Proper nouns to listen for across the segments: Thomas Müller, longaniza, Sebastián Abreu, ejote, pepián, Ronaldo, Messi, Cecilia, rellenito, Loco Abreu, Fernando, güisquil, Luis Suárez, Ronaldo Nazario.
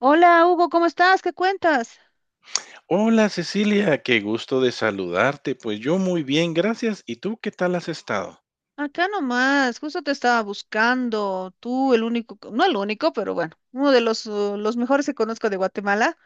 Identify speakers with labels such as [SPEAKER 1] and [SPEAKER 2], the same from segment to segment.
[SPEAKER 1] Hola Hugo, ¿cómo estás? ¿Qué cuentas?
[SPEAKER 2] Hola Cecilia, qué gusto de saludarte. Pues yo muy bien, gracias. ¿Y tú qué tal has estado?
[SPEAKER 1] Acá nomás, justo te estaba buscando, tú el único, no el único, pero bueno, uno de los mejores que conozco de Guatemala.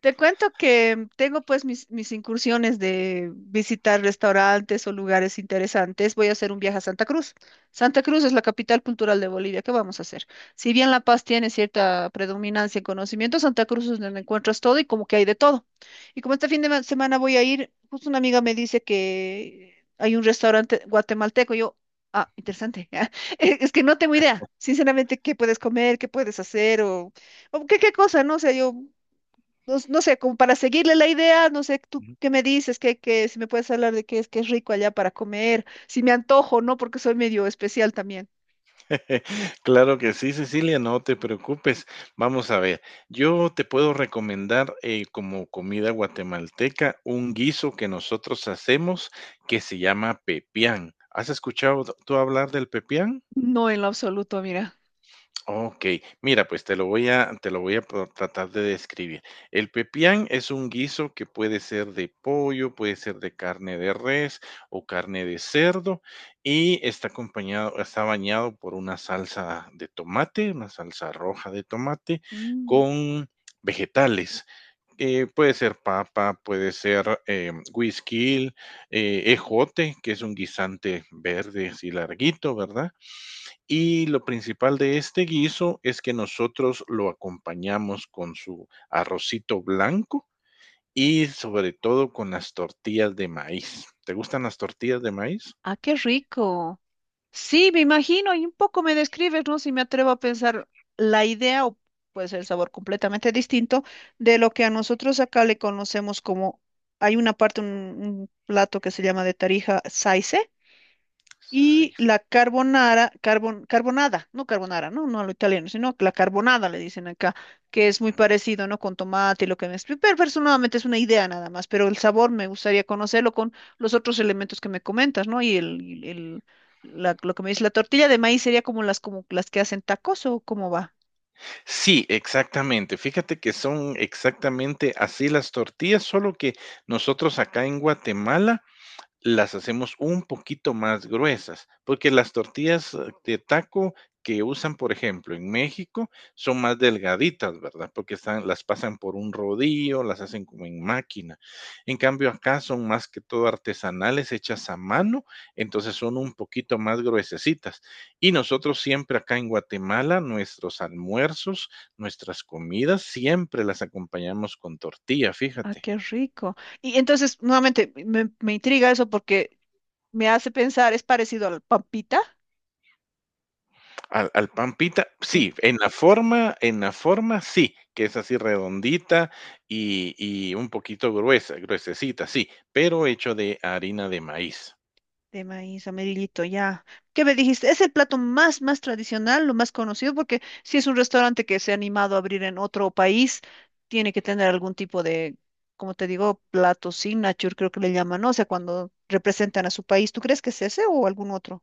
[SPEAKER 1] Te cuento que tengo pues mis incursiones de visitar restaurantes o lugares interesantes. Voy a hacer un viaje a Santa Cruz. Santa Cruz es la capital cultural de Bolivia. ¿Qué vamos a hacer? Si bien La Paz tiene cierta predominancia en conocimiento, Santa Cruz es donde encuentras todo y como que hay de todo. Y como este semana voy a ir, justo una amiga me dice que hay un restaurante guatemalteco. Yo, ah, interesante. Es que no tengo idea, sinceramente, qué puedes comer, qué puedes hacer o... ¿O ¿Qué, qué cosa? No sé, yo no, no sé, como para seguirle la idea, no sé, tú
[SPEAKER 2] Ujú.
[SPEAKER 1] qué me dices, que si me puedes hablar de qué es que es rico allá para comer, si me antojo, ¿no? Porque soy medio especial también.
[SPEAKER 2] Claro que sí, Cecilia, no te preocupes. Vamos a ver, yo te puedo recomendar como comida guatemalteca un guiso que nosotros hacemos que se llama pepián. ¿Has escuchado tú hablar del pepián?
[SPEAKER 1] No, en lo absoluto, mira.
[SPEAKER 2] Ok, mira, pues te lo voy a te lo voy a pro tratar de describir. El pepián es un guiso que puede ser de pollo, puede ser de carne de res o carne de cerdo, y está bañado por una salsa de tomate, una salsa roja de tomate
[SPEAKER 1] Mm,
[SPEAKER 2] con vegetales, puede ser papa, puede ser, güisquil, ejote, que es un guisante verde así larguito, ¿verdad? Y lo principal de este guiso es que nosotros lo acompañamos con su arrocito blanco y sobre todo con las tortillas de maíz. ¿Te gustan las tortillas de maíz?
[SPEAKER 1] ah, qué rico. Sí, me imagino, y un poco me describes, ¿no? Si me atrevo a pensar la idea, o puede ser el sabor completamente distinto, de lo que a nosotros acá le conocemos como, hay una parte, un plato que se llama de Tarija saice. Y
[SPEAKER 2] Sai-
[SPEAKER 1] la carbonara, carbonada, no carbonara, no, no a lo italiano, sino la carbonada le dicen acá, que es muy
[SPEAKER 2] mm,
[SPEAKER 1] parecido, ¿no? Con tomate y lo que me explico. Pero personalmente es una idea nada más, pero el sabor me gustaría conocerlo con los otros elementos que me comentas, ¿no? Lo que me dice la tortilla de maíz sería como las que hacen tacos o cómo va.
[SPEAKER 2] Sí, exactamente. Fíjate que son exactamente así las tortillas, solo que nosotros acá en Guatemala las hacemos un poquito más gruesas, porque las tortillas de taco que usan, por ejemplo, en México, son más delgaditas, ¿verdad? Porque están, las pasan por un rodillo, las hacen como en máquina. En cambio, acá son más que todo artesanales, hechas a mano, entonces son un poquito más gruesecitas. Y nosotros siempre acá en Guatemala, nuestros almuerzos, nuestras comidas, siempre las acompañamos con tortilla,
[SPEAKER 1] Ah,
[SPEAKER 2] fíjate.
[SPEAKER 1] qué rico. Y entonces, nuevamente, me intriga eso porque me hace pensar, ¿es parecido al pampita?
[SPEAKER 2] Al pan pita, sí,
[SPEAKER 1] Sí,
[SPEAKER 2] en la forma sí, que es así redondita y un poquito gruesa, gruesecita, sí, pero hecho de harina de maíz.
[SPEAKER 1] de maíz amarillito, ya. ¿Qué me dijiste? ¿Es el plato más tradicional, lo más conocido? Porque si es un restaurante que se ha animado a abrir en otro país, tiene que tener algún tipo de, como te digo, plato signature, creo que le llaman, ¿no? O sea, cuando representan a su país. ¿Tú crees que es ese o algún otro?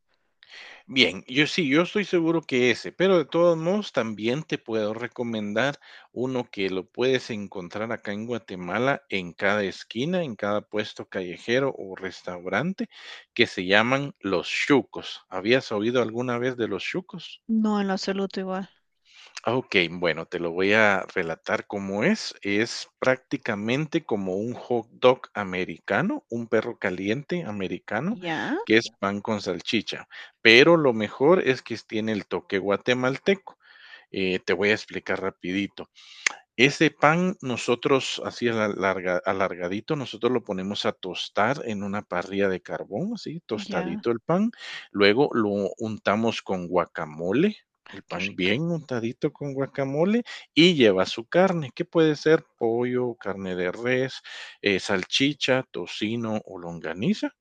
[SPEAKER 2] Bien, yo sí, yo estoy seguro que ese, pero de todos modos también te puedo recomendar uno que lo puedes encontrar acá en Guatemala, en cada esquina, en cada puesto callejero o restaurante, que se llaman los chucos. ¿Habías oído alguna vez de los chucos?
[SPEAKER 1] No, en lo absoluto igual.
[SPEAKER 2] Ok, bueno, te lo voy a relatar cómo es. Es prácticamente como un hot dog americano, un perro caliente americano,
[SPEAKER 1] Ya,
[SPEAKER 2] que es pan con salchicha. Pero lo mejor es que tiene el toque guatemalteco. Te voy a explicar rapidito. Ese pan nosotros así alargadito, nosotros lo ponemos a tostar en una parrilla de carbón, así
[SPEAKER 1] ya.
[SPEAKER 2] tostadito el pan. Luego lo untamos con guacamole,
[SPEAKER 1] Ay,
[SPEAKER 2] el
[SPEAKER 1] qué
[SPEAKER 2] pan
[SPEAKER 1] rico.
[SPEAKER 2] bien untadito con guacamole y lleva su carne, que puede ser pollo, carne de res, salchicha, tocino o longaniza.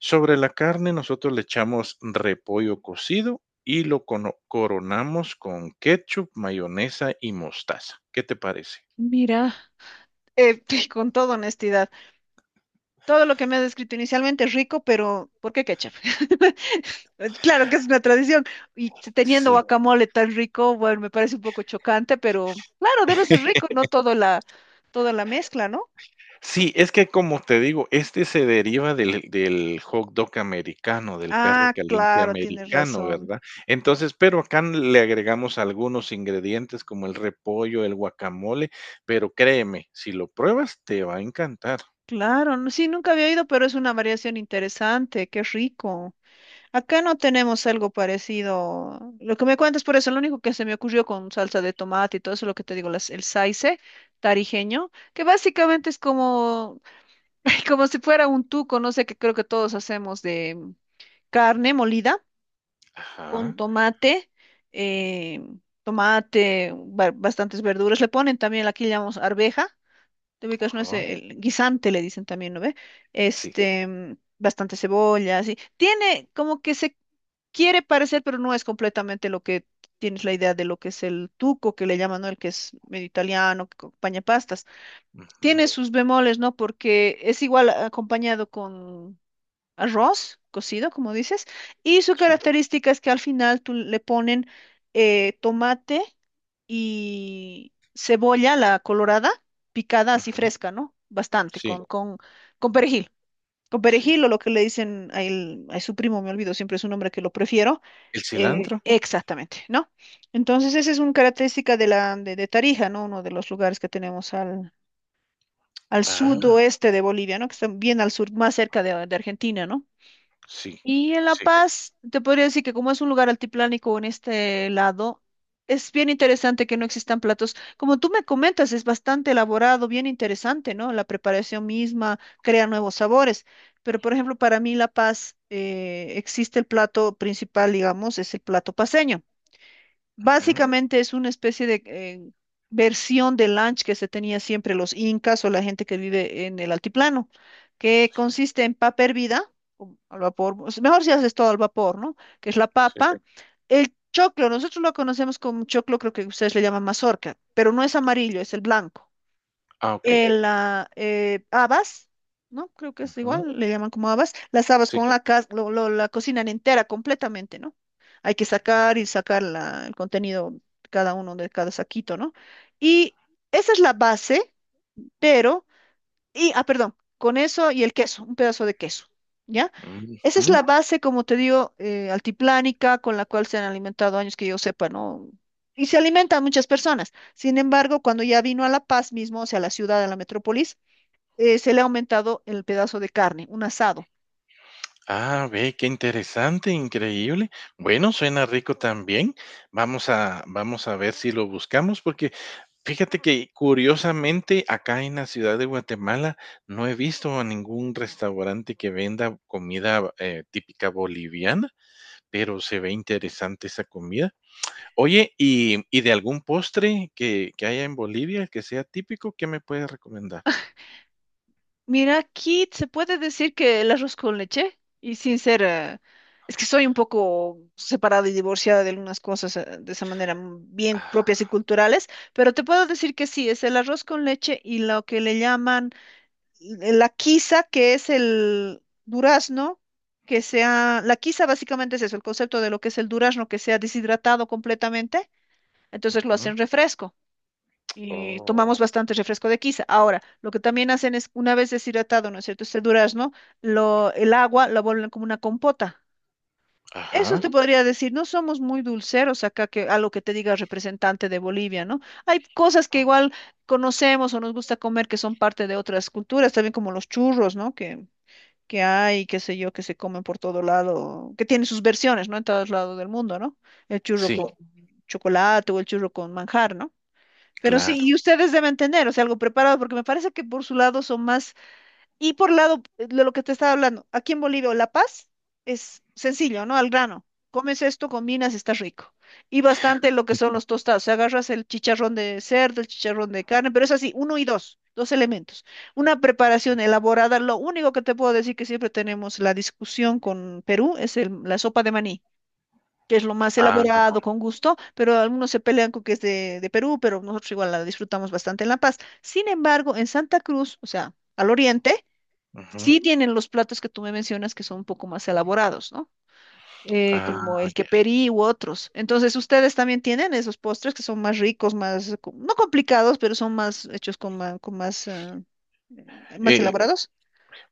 [SPEAKER 2] Sobre la carne nosotros le echamos repollo cocido y lo cono coronamos con ketchup, mayonesa y mostaza. ¿Qué te parece?
[SPEAKER 1] Mira, eh, con toda honestidad. Todo lo que me has descrito inicialmente es rico, pero ¿por qué ketchup? Claro que es una tradición. Y teniendo
[SPEAKER 2] Sí,
[SPEAKER 1] guacamole tan rico, bueno, me parece un poco chocante, pero claro, debe ser rico, no toda la mezcla, ¿no?
[SPEAKER 2] sí, es que como te digo, este se deriva del hot dog americano, del perro
[SPEAKER 1] Ah,
[SPEAKER 2] caliente
[SPEAKER 1] claro, tienes
[SPEAKER 2] americano,
[SPEAKER 1] razón.
[SPEAKER 2] ¿verdad? Entonces, pero acá le agregamos algunos ingredientes como el repollo, el guacamole, pero créeme, si lo pruebas te va a encantar.
[SPEAKER 1] Claro, no- sí, nunca había oído, pero es una variación interesante, qué rico. Acá no tenemos algo parecido. Lo que me cuentas por eso, lo único que se me ocurrió con salsa de tomate y todo eso, lo que te digo, el saice tarijeño, que básicamente es como ay, como si fuera un tuco, no sé, que creo que todos hacemos de carne molida con
[SPEAKER 2] Ajá,
[SPEAKER 1] tomate, eh, bastantes verduras. Le ponen también, aquí le llamamos arveja, te ubicas, no es
[SPEAKER 2] ajá,
[SPEAKER 1] el guisante, le dicen también, ¿no ve?
[SPEAKER 2] sí,
[SPEAKER 1] Este, bastante cebolla, así. Tiene como que se quiere parecer, pero no es completamente lo que tienes la idea de lo que es el tuco, que le llaman, ¿no? El que es medio italiano, que acompaña pastas,
[SPEAKER 2] ujú,
[SPEAKER 1] tiene sus bemoles, ¿no? Porque es igual ah, acompañado con arroz cocido, como dices, y su
[SPEAKER 2] sí,
[SPEAKER 1] característica es que al final tú le ponen tomate y cebolla, la colorada, picada así
[SPEAKER 2] ujú,
[SPEAKER 1] fresca, ¿no? Bastante,
[SPEAKER 2] sí,
[SPEAKER 1] con perejil. Con
[SPEAKER 2] sí.
[SPEAKER 1] perejil o lo que le dicen a, a su primo, me olvido, siempre es un nombre que lo prefiero.
[SPEAKER 2] ¿El
[SPEAKER 1] Eh,
[SPEAKER 2] cilantro?
[SPEAKER 1] exactamente, ¿no? Entonces, esa es una característica de de Tarija, ¿no? Uno de los lugares que tenemos al
[SPEAKER 2] Ah,
[SPEAKER 1] sudoeste de Bolivia, ¿no? Que está bien al sur, más cerca de Argentina, ¿no?
[SPEAKER 2] sí,
[SPEAKER 1] Y en La
[SPEAKER 2] sí,
[SPEAKER 1] Paz, te podría decir que como es un lugar altiplánico en este lado, es bien interesante que no existan platos. Como tú me comentas, es bastante elaborado, bien interesante, ¿no? La preparación misma crea nuevos sabores. Pero, por ejemplo, para mí La Paz existe el plato principal, digamos, es el plato paceño.
[SPEAKER 2] ujú,
[SPEAKER 1] Básicamente es una especie de versión del lunch que se tenía siempre los incas o la gente que vive en el altiplano, que
[SPEAKER 2] sí,
[SPEAKER 1] consiste en papa hervida, o al vapor, o sea, mejor si haces todo al vapor, ¿no? Que es la
[SPEAKER 2] sí.
[SPEAKER 1] papa. El choclo, nosotros lo conocemos como choclo, creo que ustedes le llaman mazorca, pero no es amarillo, es el blanco,
[SPEAKER 2] Ah, okey,
[SPEAKER 1] habas, ¿no? Creo que es
[SPEAKER 2] ujú,
[SPEAKER 1] igual, le llaman como habas. Las habas
[SPEAKER 2] sí,
[SPEAKER 1] con la, la cocinan entera completamente, ¿no? Hay que sacar y sacar el contenido de cada uno de cada saquito, ¿no? Y esa es la base, pero, y, ah, perdón, con eso y el queso, un pedazo de queso, ¿ya? Esa
[SPEAKER 2] ujú.
[SPEAKER 1] es la base, como te digo, altiplánica, con la cual se han alimentado años que yo sepa, ¿no? Y se alimentan muchas personas. Sin embargo, cuando ya vino a La Paz mismo, o sea, a la ciudad, a la metrópolis, se le ha aumentado el pedazo de carne, un asado.
[SPEAKER 2] Ah, ve, qué interesante, increíble. Bueno, suena rico también. Vamos a ver si lo buscamos, porque fíjate que curiosamente acá en la ciudad de Guatemala no he visto a ningún restaurante que venda comida típica boliviana, pero se ve interesante esa comida. Oye, y de algún postre que haya en Bolivia que sea típico, qué me puedes recomendar?
[SPEAKER 1] Mira, Kit se puede decir que el arroz con leche, y sin ser, es que soy un poco separada y divorciada de algunas cosas de esa manera bien propias y culturales, pero te puedo decir que sí, es el arroz con leche y lo que le llaman la quiza, que es el durazno, que sea, la quiza básicamente es eso, el concepto de lo que es el durazno, que sea deshidratado completamente, entonces lo
[SPEAKER 2] Ujú.
[SPEAKER 1] hacen refresco. Eh,
[SPEAKER 2] Oh,
[SPEAKER 1] tomamos bastante refresco de quiza. Ahora, lo que también hacen es, una vez deshidratado, ¿no es cierto? Este durazno, el agua la vuelven como una compota. Eso te
[SPEAKER 2] ajá.
[SPEAKER 1] podría decir, no somos muy dulceros acá, que a lo que te diga el representante de Bolivia, ¿no? Hay cosas que
[SPEAKER 2] Mm,
[SPEAKER 1] igual conocemos o nos gusta comer que son parte de otras culturas, también como los churros, ¿no? Que hay, qué sé yo, que se comen por todo lado, que tienen sus versiones, ¿no? En todos lados del mundo, ¿no? El churro
[SPEAKER 2] sí,
[SPEAKER 1] con chocolate o el churro con manjar, ¿no? Pero sí,
[SPEAKER 2] claro.
[SPEAKER 1] y ustedes deben tener, o sea, algo preparado, porque me parece que por su lado son más, y por lado de lo que te estaba hablando, aquí en Bolivia o La Paz es sencillo, ¿no? Al grano. Comes esto, combinas, está rico. Y bastante lo que son los tostados. O sea, agarras el chicharrón de cerdo, el chicharrón de carne, pero es así, uno y dos, dos elementos. Una preparación elaborada. Lo único que te puedo decir que siempre tenemos la discusión con Perú es la sopa de maní que es lo más
[SPEAKER 2] Ah,
[SPEAKER 1] elaborado, con gusto, pero algunos se pelean con que es de Perú, pero nosotros igual la disfrutamos bastante en La Paz. Sin embargo, en Santa Cruz, o sea, al oriente,
[SPEAKER 2] ujú.
[SPEAKER 1] sí tienen los platos que tú me mencionas que son un poco más elaborados, ¿no? Como
[SPEAKER 2] Ah,
[SPEAKER 1] el
[SPEAKER 2] ya.
[SPEAKER 1] queperí u otros. Entonces, ustedes también tienen esos postres que son más ricos, más, no complicados, pero son más hechos con, con más, más
[SPEAKER 2] Eh,
[SPEAKER 1] elaborados.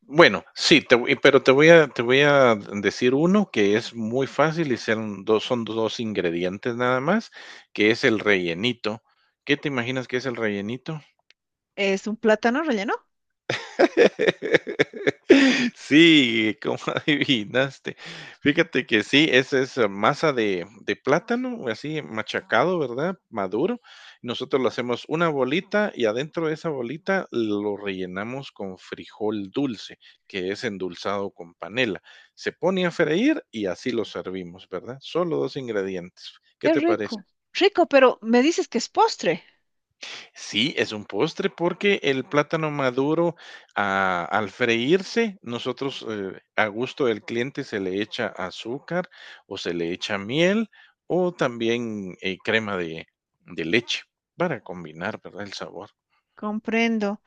[SPEAKER 2] bueno, sí, te voy a decir uno que es muy fácil y son 2 ingredientes nada más, que es el rellenito. ¿Qué te imaginas que es el rellenito?
[SPEAKER 1] Es un plátano relleno.
[SPEAKER 2] Sí, ¿cómo adivinaste? Fíjate que sí, esa es masa de, plátano, así machacado, ¿verdad? Maduro. Nosotros lo hacemos una bolita y adentro de esa bolita lo rellenamos con frijol dulce, que es endulzado con panela. Se pone a freír y así lo servimos, ¿verdad? Solo dos ingredientes. ¿Qué
[SPEAKER 1] Qué
[SPEAKER 2] te parece?
[SPEAKER 1] rico. Rico, pero me dices que es postre.
[SPEAKER 2] Sí, es un postre porque el plátano maduro, ah, al freírse, nosotros, a gusto del cliente se le echa azúcar o se le echa miel o también, crema de leche para combinar, ¿verdad?, el sabor.
[SPEAKER 1] Comprendo.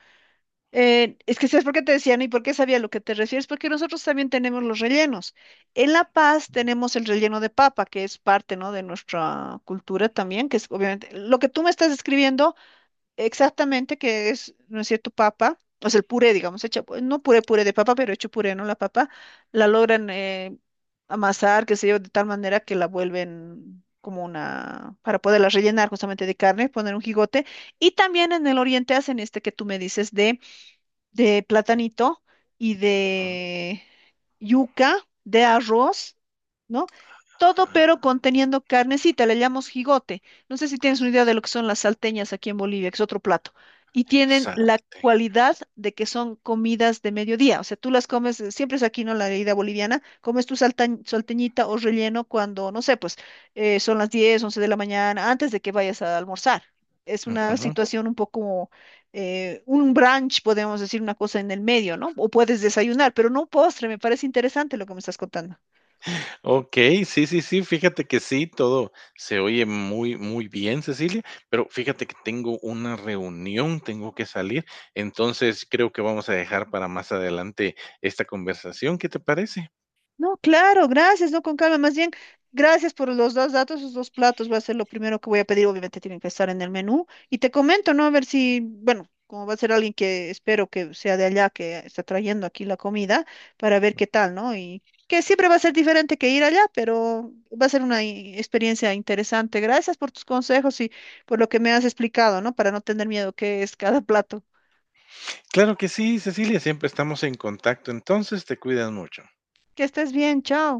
[SPEAKER 1] Es que sabes por qué te decían y por qué sabía a lo que te refieres, porque nosotros también tenemos los rellenos. En La Paz tenemos el relleno de papa, que es parte, ¿no? de nuestra cultura también, que es obviamente lo que tú me estás describiendo exactamente, que es, ¿no es cierto?, papa, o sea, el puré, digamos, hecha, pues, no puré, puré de papa, pero hecho puré, ¿no? La papa la
[SPEAKER 2] Sí.
[SPEAKER 1] logran amasar, qué sé yo, de tal manera que la vuelven como una, para poderla rellenar justamente de carne, poner un jigote. Y también en el oriente hacen este que tú me dices de platanito y de yuca, de arroz, ¿no? Todo pero conteniendo carnecita, le llamamos jigote. No sé si tienes una idea de lo que son las salteñas aquí en Bolivia, que es otro plato. Y tienen la
[SPEAKER 2] Exacte.
[SPEAKER 1] cualidad de que son comidas de mediodía. O sea, tú las comes, siempre es aquí, ¿no? La herida boliviana, comes tu salteñita o relleno cuando, no sé, pues son las 10, 11 de la mañana, antes de que vayas a almorzar. Es una situación un poco un brunch, podemos decir una cosa en el medio, ¿no? O puedes desayunar, pero no un postre, me parece interesante lo que me estás contando.
[SPEAKER 2] Okey, sí, sí, sí, fíjate que sí, todo se oye muy, muy bien, Cecilia, pero fíjate que tengo una reunión, tengo que salir, entonces creo que vamos a dejar para más adelante esta conversación, ¿qué te parece?
[SPEAKER 1] No, claro, gracias, no con calma, más bien, gracias por los dos datos, los dos platos, va a ser lo primero que voy a pedir, obviamente tienen que estar en el menú, y te comento, ¿no? A ver si, bueno, como va a ser alguien que espero que sea de allá, que está trayendo aquí la comida, para ver qué tal, ¿no? Y que siempre va a ser diferente que ir allá, pero va a ser una experiencia interesante. Gracias por tus consejos y por lo que me has explicado, ¿no? Para no tener miedo, qué es cada plato.
[SPEAKER 2] Claro que sí, Cecilia, siempre estamos en contacto, entonces te cuidas mucho.
[SPEAKER 1] Que estés bien, chao.